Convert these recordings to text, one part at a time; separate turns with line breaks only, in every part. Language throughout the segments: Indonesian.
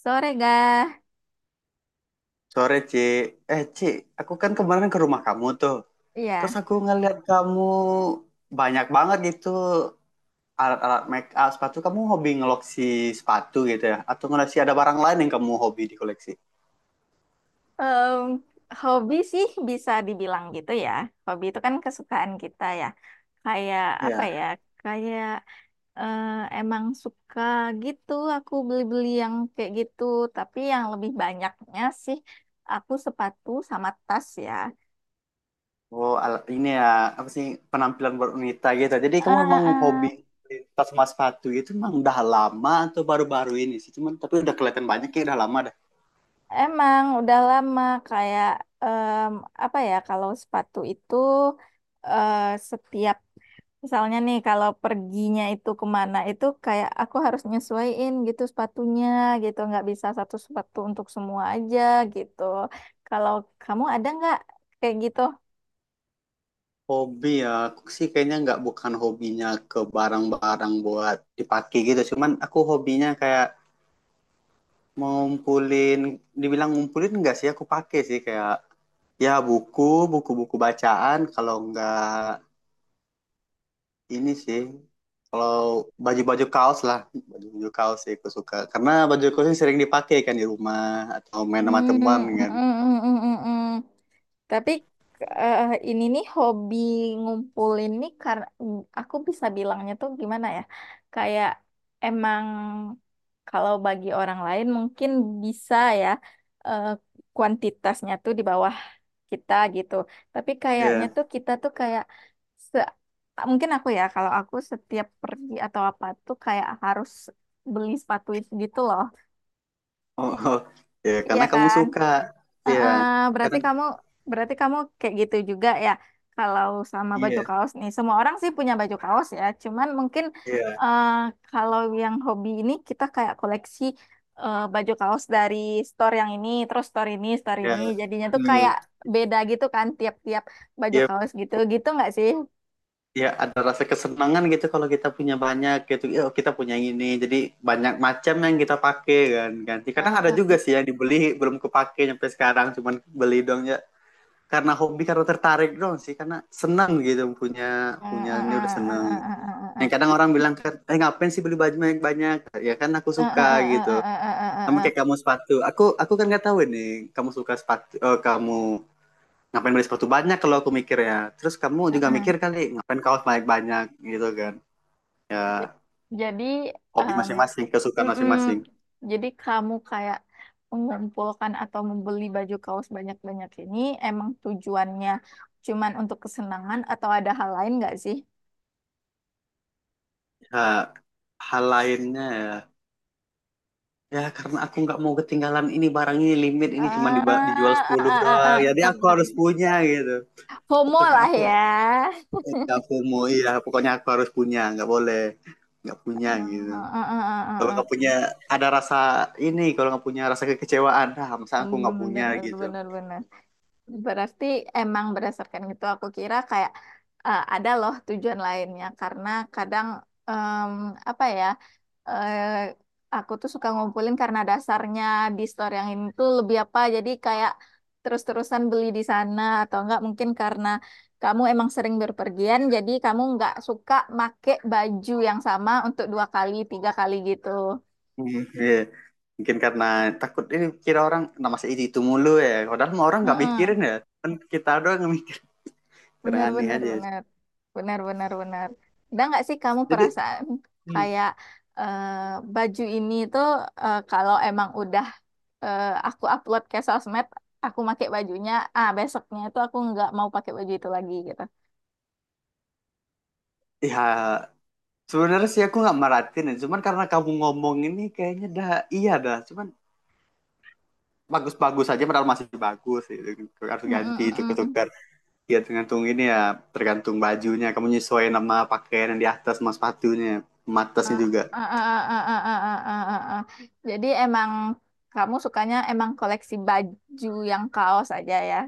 Sore gak?
Sore, Ci. Eh, Ci, aku kan kemarin ke rumah kamu tuh.
Iya.
Terus aku ngeliat kamu banyak banget gitu alat-alat make up sepatu. Kamu hobi ngeloksi sepatu gitu ya? Atau ngeloksi ada barang lain yang kamu hobi di koleksi?
Em, Hobi sih bisa dibilang gitu ya. Hobi itu kan kesukaan kita ya. Kayak apa
Iya.
ya? Kayak eh, emang suka gitu aku beli-beli yang kayak gitu. Tapi yang lebih banyaknya sih aku sepatu sama tas ya.
Oh, ini ya, apa sih, penampilan berunita gitu. Jadi kamu
Eh,
memang hobi
eh,
tas sama sepatu gitu memang udah lama atau baru-baru ini sih? Cuman, tapi udah kelihatan banyak ya, udah lama dah.
Emang udah lama kayak em, apa ya kalau sepatu itu eh, setiap. Misalnya nih kalau perginya itu kemana itu kayak aku harus nyesuaiin gitu sepatunya gitu nggak bisa satu sepatu untuk semua aja gitu. Kalau kamu ada nggak kayak gitu?
Hobi ya, aku sih kayaknya nggak bukan hobinya ke barang-barang buat dipakai gitu. Cuman aku hobinya kayak ngumpulin, dibilang ngumpulin nggak sih aku pakai sih kayak ya buku, buku-buku bacaan. Kalau nggak ini sih, kalau baju-baju kaos lah, baju-baju kaos sih aku suka. Karena baju kaos ini sering dipakai kan di rumah atau main sama
Hmm, mm,
teman
mm,
kan.
mm, mm, mm, mm. Tapi eh, ini nih hobi ngumpulin nih karena aku bisa bilangnya tuh gimana ya? Kayak emang kalau bagi orang lain mungkin bisa ya eh, kuantitasnya tuh di bawah kita gitu. Tapi kayaknya
Iya.
tuh kita tuh kayak se mungkin aku ya kalau aku setiap pergi atau apa tuh kayak harus beli sepatu itu gitu loh.
Oh, oh. Ya,
Iya
karena kamu
kan?
suka. Iya,
Heeh,
karena
berarti kamu berarti kamu kayak gitu juga ya kalau sama baju
iya,
kaos nih. Semua orang sih punya baju kaos ya. Cuman mungkin
iya,
eh, kalau yang hobi ini kita kayak koleksi baju kaos dari store yang ini, terus store ini, store
iya.
ini. Jadinya tuh kayak
Hmm.
beda gitu kan tiap-tiap baju
Iya
kaos gitu. Gitu nggak sih?
ya ada rasa kesenangan gitu kalau kita punya banyak gitu ya, kita punya ini jadi banyak macam yang kita pakai kan ganti. Kadang ada
Heeh,
juga sih yang dibeli belum kepake sampai sekarang, cuman beli doang ya karena hobi, karena tertarik doang sih, karena senang gitu punya
heeh,
punya
heeh,
ini udah seneng.
heeh, heeh,
Yang
heeh,
kadang orang bilang kan, eh, ngapain sih beli baju banyak banyak. Ya kan aku
heeh, heeh,
suka
heeh, heeh,
gitu.
heeh, heeh, heeh,
Sama kayak
heeh,
kamu sepatu, aku kan nggak tahu nih kamu suka sepatu. Oh, kamu ngapain beli sepatu banyak, kalau aku mikir ya. Terus kamu
heeh,
juga
heeh.
mikir kali, ngapain kaos banyak banyak gitu kan. Ya,
Jadi,
hobi
em,
masing-masing, kesukaan
mm-mm.
masing-masing.
Jadi kamu kayak mengumpulkan atau membeli baju kaos banyak-banyak ini emang tujuannya cuman untuk kesenangan atau ada hal lain nggak sih?
Ya, hal lainnya ya, ya karena aku nggak mau ketinggalan. Ini barang ini limit, ini cuma
Ah,
dijual
ah,
10
ah,
doang,
ah,
jadi aku
ah,
harus
ah.
punya gitu.
Homo
Pokoknya
lah
aku
ya.
eh, aku mau ya, pokoknya aku harus punya, nggak boleh nggak punya
Ah,
gitu.
ah, ah, ah,
Kalau nggak
ah.
punya ada rasa ini, kalau nggak punya rasa kekecewaan, ah, masa aku nggak
Benar,
punya
benar,
gitu.
benar, benar. Berarti emang berdasarkan itu aku kira kayak ada loh tujuan lainnya karena kadang em, apa ya eh, aku tuh suka ngumpulin karena dasarnya di store yang ini tuh lebih apa jadi kayak terus-terusan beli di sana atau enggak mungkin karena kamu emang sering berpergian jadi kamu enggak suka make baju yang sama untuk dua kali tiga kali gitu.
Hmm, iya. Mungkin karena takut ini, kira orang, nah masa itu mulu ya, padahal mah orang nggak mikirin ya, kan kita doang yang kadang
Benar,
aneh
benar,
aja.
benar. Benar, benar, benar. Ada nggak sih kamu
Jadi,
perasaan
hmm,
kayak eh, baju ini tuh kalau emang udah aku upload ke sosmed, aku pakai bajunya, besoknya itu aku nggak mau pakai baju itu lagi gitu.
ya, sebenarnya sih aku nggak meratin ya, cuman karena kamu ngomong ini kayaknya dah. Iya dah, cuman bagus-bagus aja padahal masih bagus gitu. Harus
Mm,
ganti
mm,
itu,
mm, mm, mm.
ketukar. Ya tergantung ini ya, tergantung bajunya, kamu nyesuaiin sama pakaian yang di atas sama sepatunya, sama atasnya
Ah,
juga.
ah, ah, ah, ah, ah, ah, ah, ah, ah, ah. Jadi emang kamu sukanya emang koleksi baju yang kaos aja ya?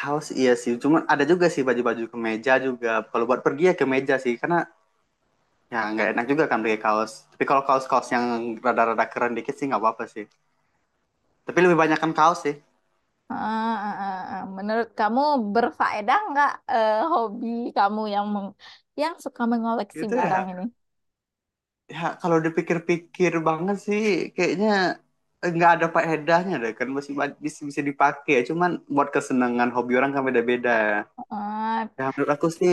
Kaos iya sih, cuman ada juga sih baju-baju kemeja juga. Kalau buat pergi ya kemeja sih, karena ya nggak enak juga kan pakai kaos. Tapi kalau kaos-kaos yang rada-rada keren dikit sih nggak apa-apa sih, tapi lebih banyak kan kaos sih.
Ah, ah, ah, ah. Menurut kamu berfaedah nggak hobi kamu yang suka mengoleksi
Gitu ya.
barang ini?
Ya, kalau dipikir-pikir banget sih, kayaknya nggak ada faedahnya deh, kan masih bisa bisa dipakai, cuman buat kesenangan, hobi orang kan beda-beda.
Ah,
Ya menurut aku sih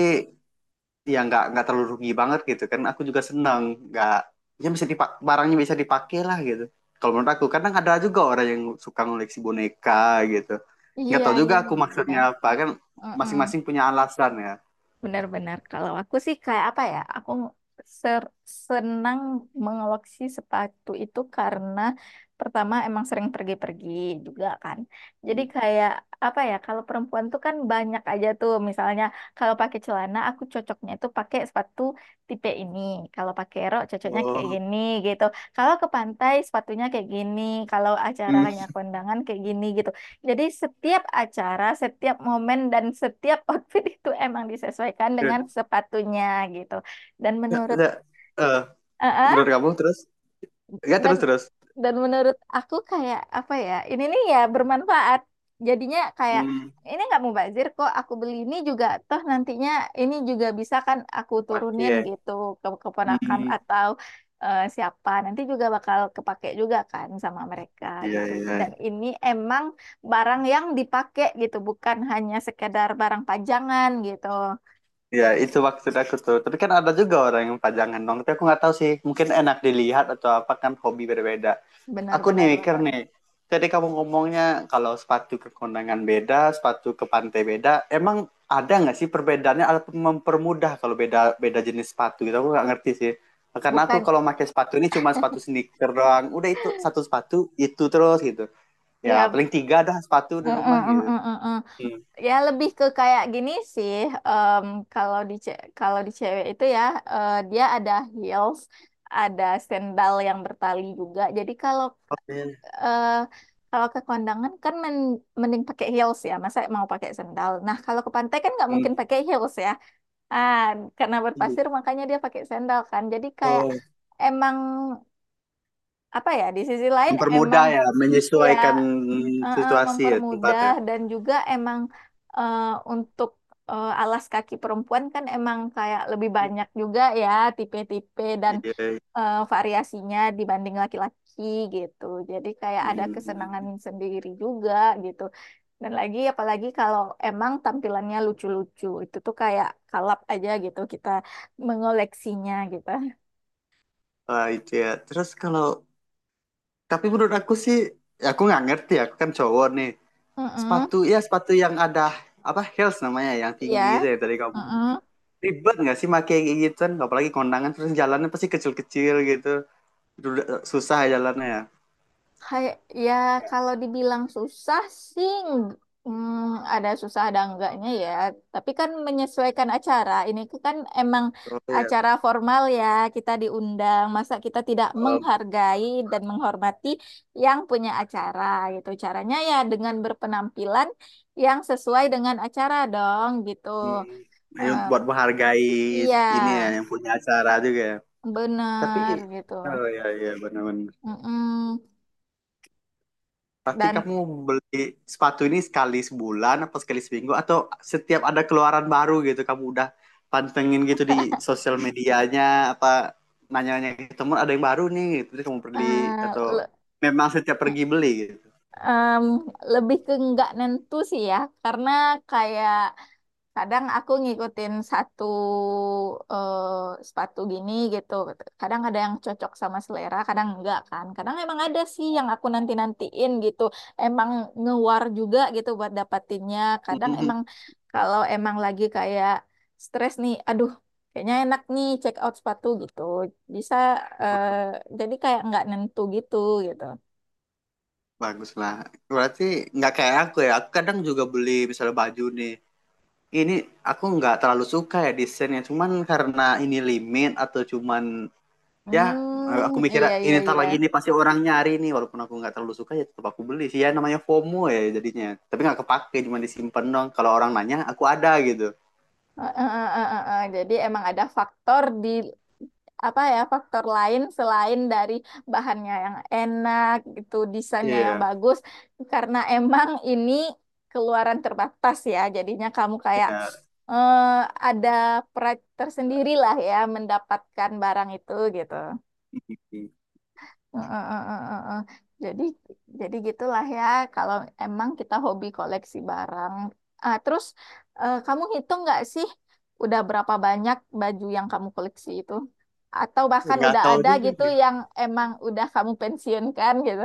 ya, nggak terlalu rugi banget gitu kan, aku juga senang. Nggak, ya bisa dipak, barangnya bisa dipakai lah gitu. Kalau menurut aku, kadang ada juga orang yang suka ngoleksi boneka gitu, nggak
iya,
tahu juga
iya,
aku
iya.
maksudnya apa kan.
Mm-mm.
Masing-masing punya alasan ya.
Benar-benar. Kalau aku sih kayak apa ya? Aku ser- senang mengoleksi sepatu itu karena pertama emang sering pergi-pergi juga kan. Jadi kayak apa ya? Kalau perempuan tuh kan banyak aja tuh. Misalnya kalau pakai celana aku cocoknya itu pakai sepatu tipe ini. Kalau pakai rok cocoknya kayak
Oh.
gini gitu. Kalau ke pantai sepatunya kayak gini. Kalau
Hmm.
acaranya kondangan kayak gini gitu. Jadi setiap acara, setiap momen dan setiap outfit itu emang disesuaikan
Ya,
dengan sepatunya gitu. Dan menurut
ya, eh, menurut
Heeh,
kamu terus, ya,
dan
terus terus
dan menurut aku kayak apa ya ini nih ya bermanfaat jadinya kayak
Hmm.
ini nggak mubazir kok aku beli ini juga toh nantinya ini juga bisa kan aku
Pagi
turunin
ya.
gitu ke keponakan
Hmm,
atau siapa nanti juga bakal kepake juga kan sama mereka
iya
gitu
iya.
dan ini emang barang yang dipakai gitu bukan hanya sekedar barang pajangan gitu.
Iya, itu maksud aku tuh. Tapi kan ada juga orang yang pajangan dong. Tapi aku nggak tahu sih. Mungkin enak dilihat atau apa, kan hobi berbeda.
Benar,
Aku nih
benar,
mikir
benar,
nih. Jadi kamu ngomongnya kalau sepatu ke kondangan beda, sepatu ke pantai beda. Emang ada nggak sih perbedaannya? Atau mempermudah kalau beda beda jenis sepatu gitu? Aku nggak ngerti sih. Karena aku
bukan
kalau pakai sepatu ini cuma sepatu sneaker doang. Udah, itu satu sepatu itu terus gitu. Ya
ya.
paling tiga dah sepatu
Mm,
di rumah
mm, mm,
gitu.
mm, mm.
Hmm.
Ya lebih ke kayak gini sih. em, Kalau kalau di cewek itu ya dia ada heels, ada sandal yang bertali juga. Jadi
Oke.
eh, kalau ke kondangan kan mending pakai heels ya. Masa mau pakai sandal. Nah kalau ke pantai kan nggak mungkin
Hmm.
pakai heels ya. Ah karena berpasir makanya dia pakai sandal kan. Jadi kayak
Oh,
emang apa ya di sisi lain emang
mempermudah ya,
ya
menyesuaikan situasi ya
mempermudah
tempatnya.
dan juga emang eh, untuk alas kaki perempuan kan emang kayak lebih banyak juga ya tipe-tipe dan
Iya.
variasinya dibanding laki-laki gitu. Jadi kayak ada
Hmm.
kesenangan sendiri juga gitu. Dan lagi apalagi kalau emang tampilannya lucu-lucu itu tuh kayak kalap aja gitu kita mengoleksinya gitu.
Wah, itu ya. Terus kalau, tapi menurut aku sih ya, aku nggak ngerti ya, aku kan cowok nih.
Mm-mm.
Sepatu ya sepatu yang ada apa, heels namanya, yang
Iya.
tinggi itu ya, tadi kamu ngomong.
Mm-mm.
Ribet nggak sih pakai kayak gituan, apalagi kondangan terus jalannya pasti kecil-kecil gitu. Susah ya jalannya ya.
Kayak ya kalau dibilang susah sih ada susah ada enggaknya ya. Tapi kan menyesuaikan acara. Ini kan emang
Oh ya.
acara formal ya, kita diundang. Masa kita tidak
Oh.
menghargai dan menghormati yang punya acara gitu. Caranya ya dengan berpenampilan yang sesuai dengan acara dong gitu.
Hmm. Ini
Eh,
buat menghargai
iya,
ini ya, yang punya acara juga ya. Tapi
bener gitu.
oh ya ya, benar-benar.
Mm-mm.
Pasti
Dan
kamu beli sepatu ini sekali sebulan apa sekali seminggu, atau setiap ada keluaran baru gitu kamu udah pantengin gitu di sosial medianya, apa nanya-nanya ke teman ada yang baru nih gitu terus kamu beli, atau
eh,
memang setiap pergi beli gitu.
Em, lebih ke nggak nentu sih ya, karena kayak kadang aku ngikutin satu sepatu gini gitu. Kadang ada yang cocok sama selera, kadang enggak kan. Kadang emang ada sih yang aku nanti-nantiin gitu. Emang ngewar juga gitu buat dapatinnya. Kadang
Mhm.
emang kalau emang lagi kayak stres nih, aduh kayaknya enak nih check out sepatu gitu. Bisa eh, jadi kayak nggak nentu gitu gitu.
Bagus lah. Berarti nggak kayak aku ya. Aku kadang juga beli misalnya baju nih. Ini aku nggak terlalu suka ya desainnya, cuman karena ini limit, atau cuman ya,
Hmm,
aku mikir
iya,
ini
iya,
ntar
iya.
lagi ini pasti orang nyari nih, walaupun aku nggak terlalu suka ya tetap aku beli sih, ya namanya FOMO ya jadinya, tapi nggak kepake, cuma disimpan. Dong kalau orang nanya aku ada gitu.
Eh, eh, eh, eh, eh, eh. Jadi emang ada faktor di apa ya faktor lain selain dari bahannya yang enak gitu, desainnya yang
Iya
bagus. Karena emang ini keluaran terbatas ya, jadinya kamu kayak
iya.
eh, ada pride tersendiri lah ya mendapatkan barang itu gitu. Heeh, heeh, heeh, heeh. Jadi jadi gitulah ya kalau emang kita hobi koleksi barang. Ah, terus kamu hitung nggak sih udah berapa banyak baju yang kamu koleksi itu? Atau bahkan
Nggak
udah
tahu
ada
juga
gitu
nih,
yang emang udah kamu pensiunkan gitu?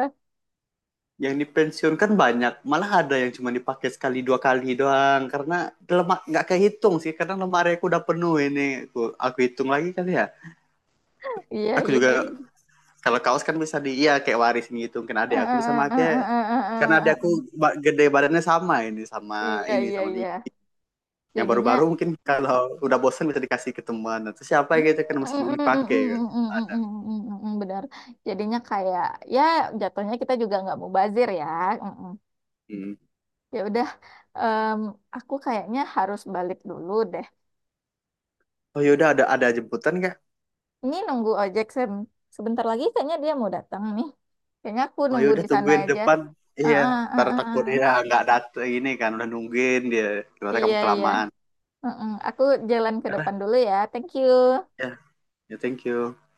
yang dipensiunkan banyak, malah ada yang cuma dipakai sekali dua kali doang karena lemak nggak kehitung sih, karena lemari aku udah penuh ini. Aku hitung lagi kali ya.
Iya,
Aku
iya,
juga
iya.
kalau kaos kan bisa di, iya, kayak warisin gitu kan,
Eh,
adik aku bisa
eh, eh, eh,
pakai. Karena ada
eh, eh, eh,
aku
eh.
gede badannya sama ini, sama
Iya,
ini,
iya,
sama ini.
iya.
Yang baru-baru
Jadinya.
mungkin kalau udah bosan bisa dikasih ke teman atau siapa gitu kan, masih belum dipakai kan.
Mm, benar. Jadinya kayak ya jatuhnya kita juga nggak mubazir ya.
Hmm.
Ya udah, em, aku kayaknya harus balik dulu deh.
Oh yaudah, ada jemputan nggak?
Ini nunggu ojek Sam. Sebentar lagi kayaknya dia mau datang nih. Kayaknya aku
Oh
nunggu
yaudah,
di sana
tungguin
aja.
depan.
Ah,
Iya,
ah, ah,
ntar
ah, ah.
takut ya nggak datang, ini kan udah nungguin dia, ternyata
Iya,
kamu
iya.
kelamaan.
Heeh, aku jalan ke depan dulu ya. Thank you.
Ya. Ya, thank you.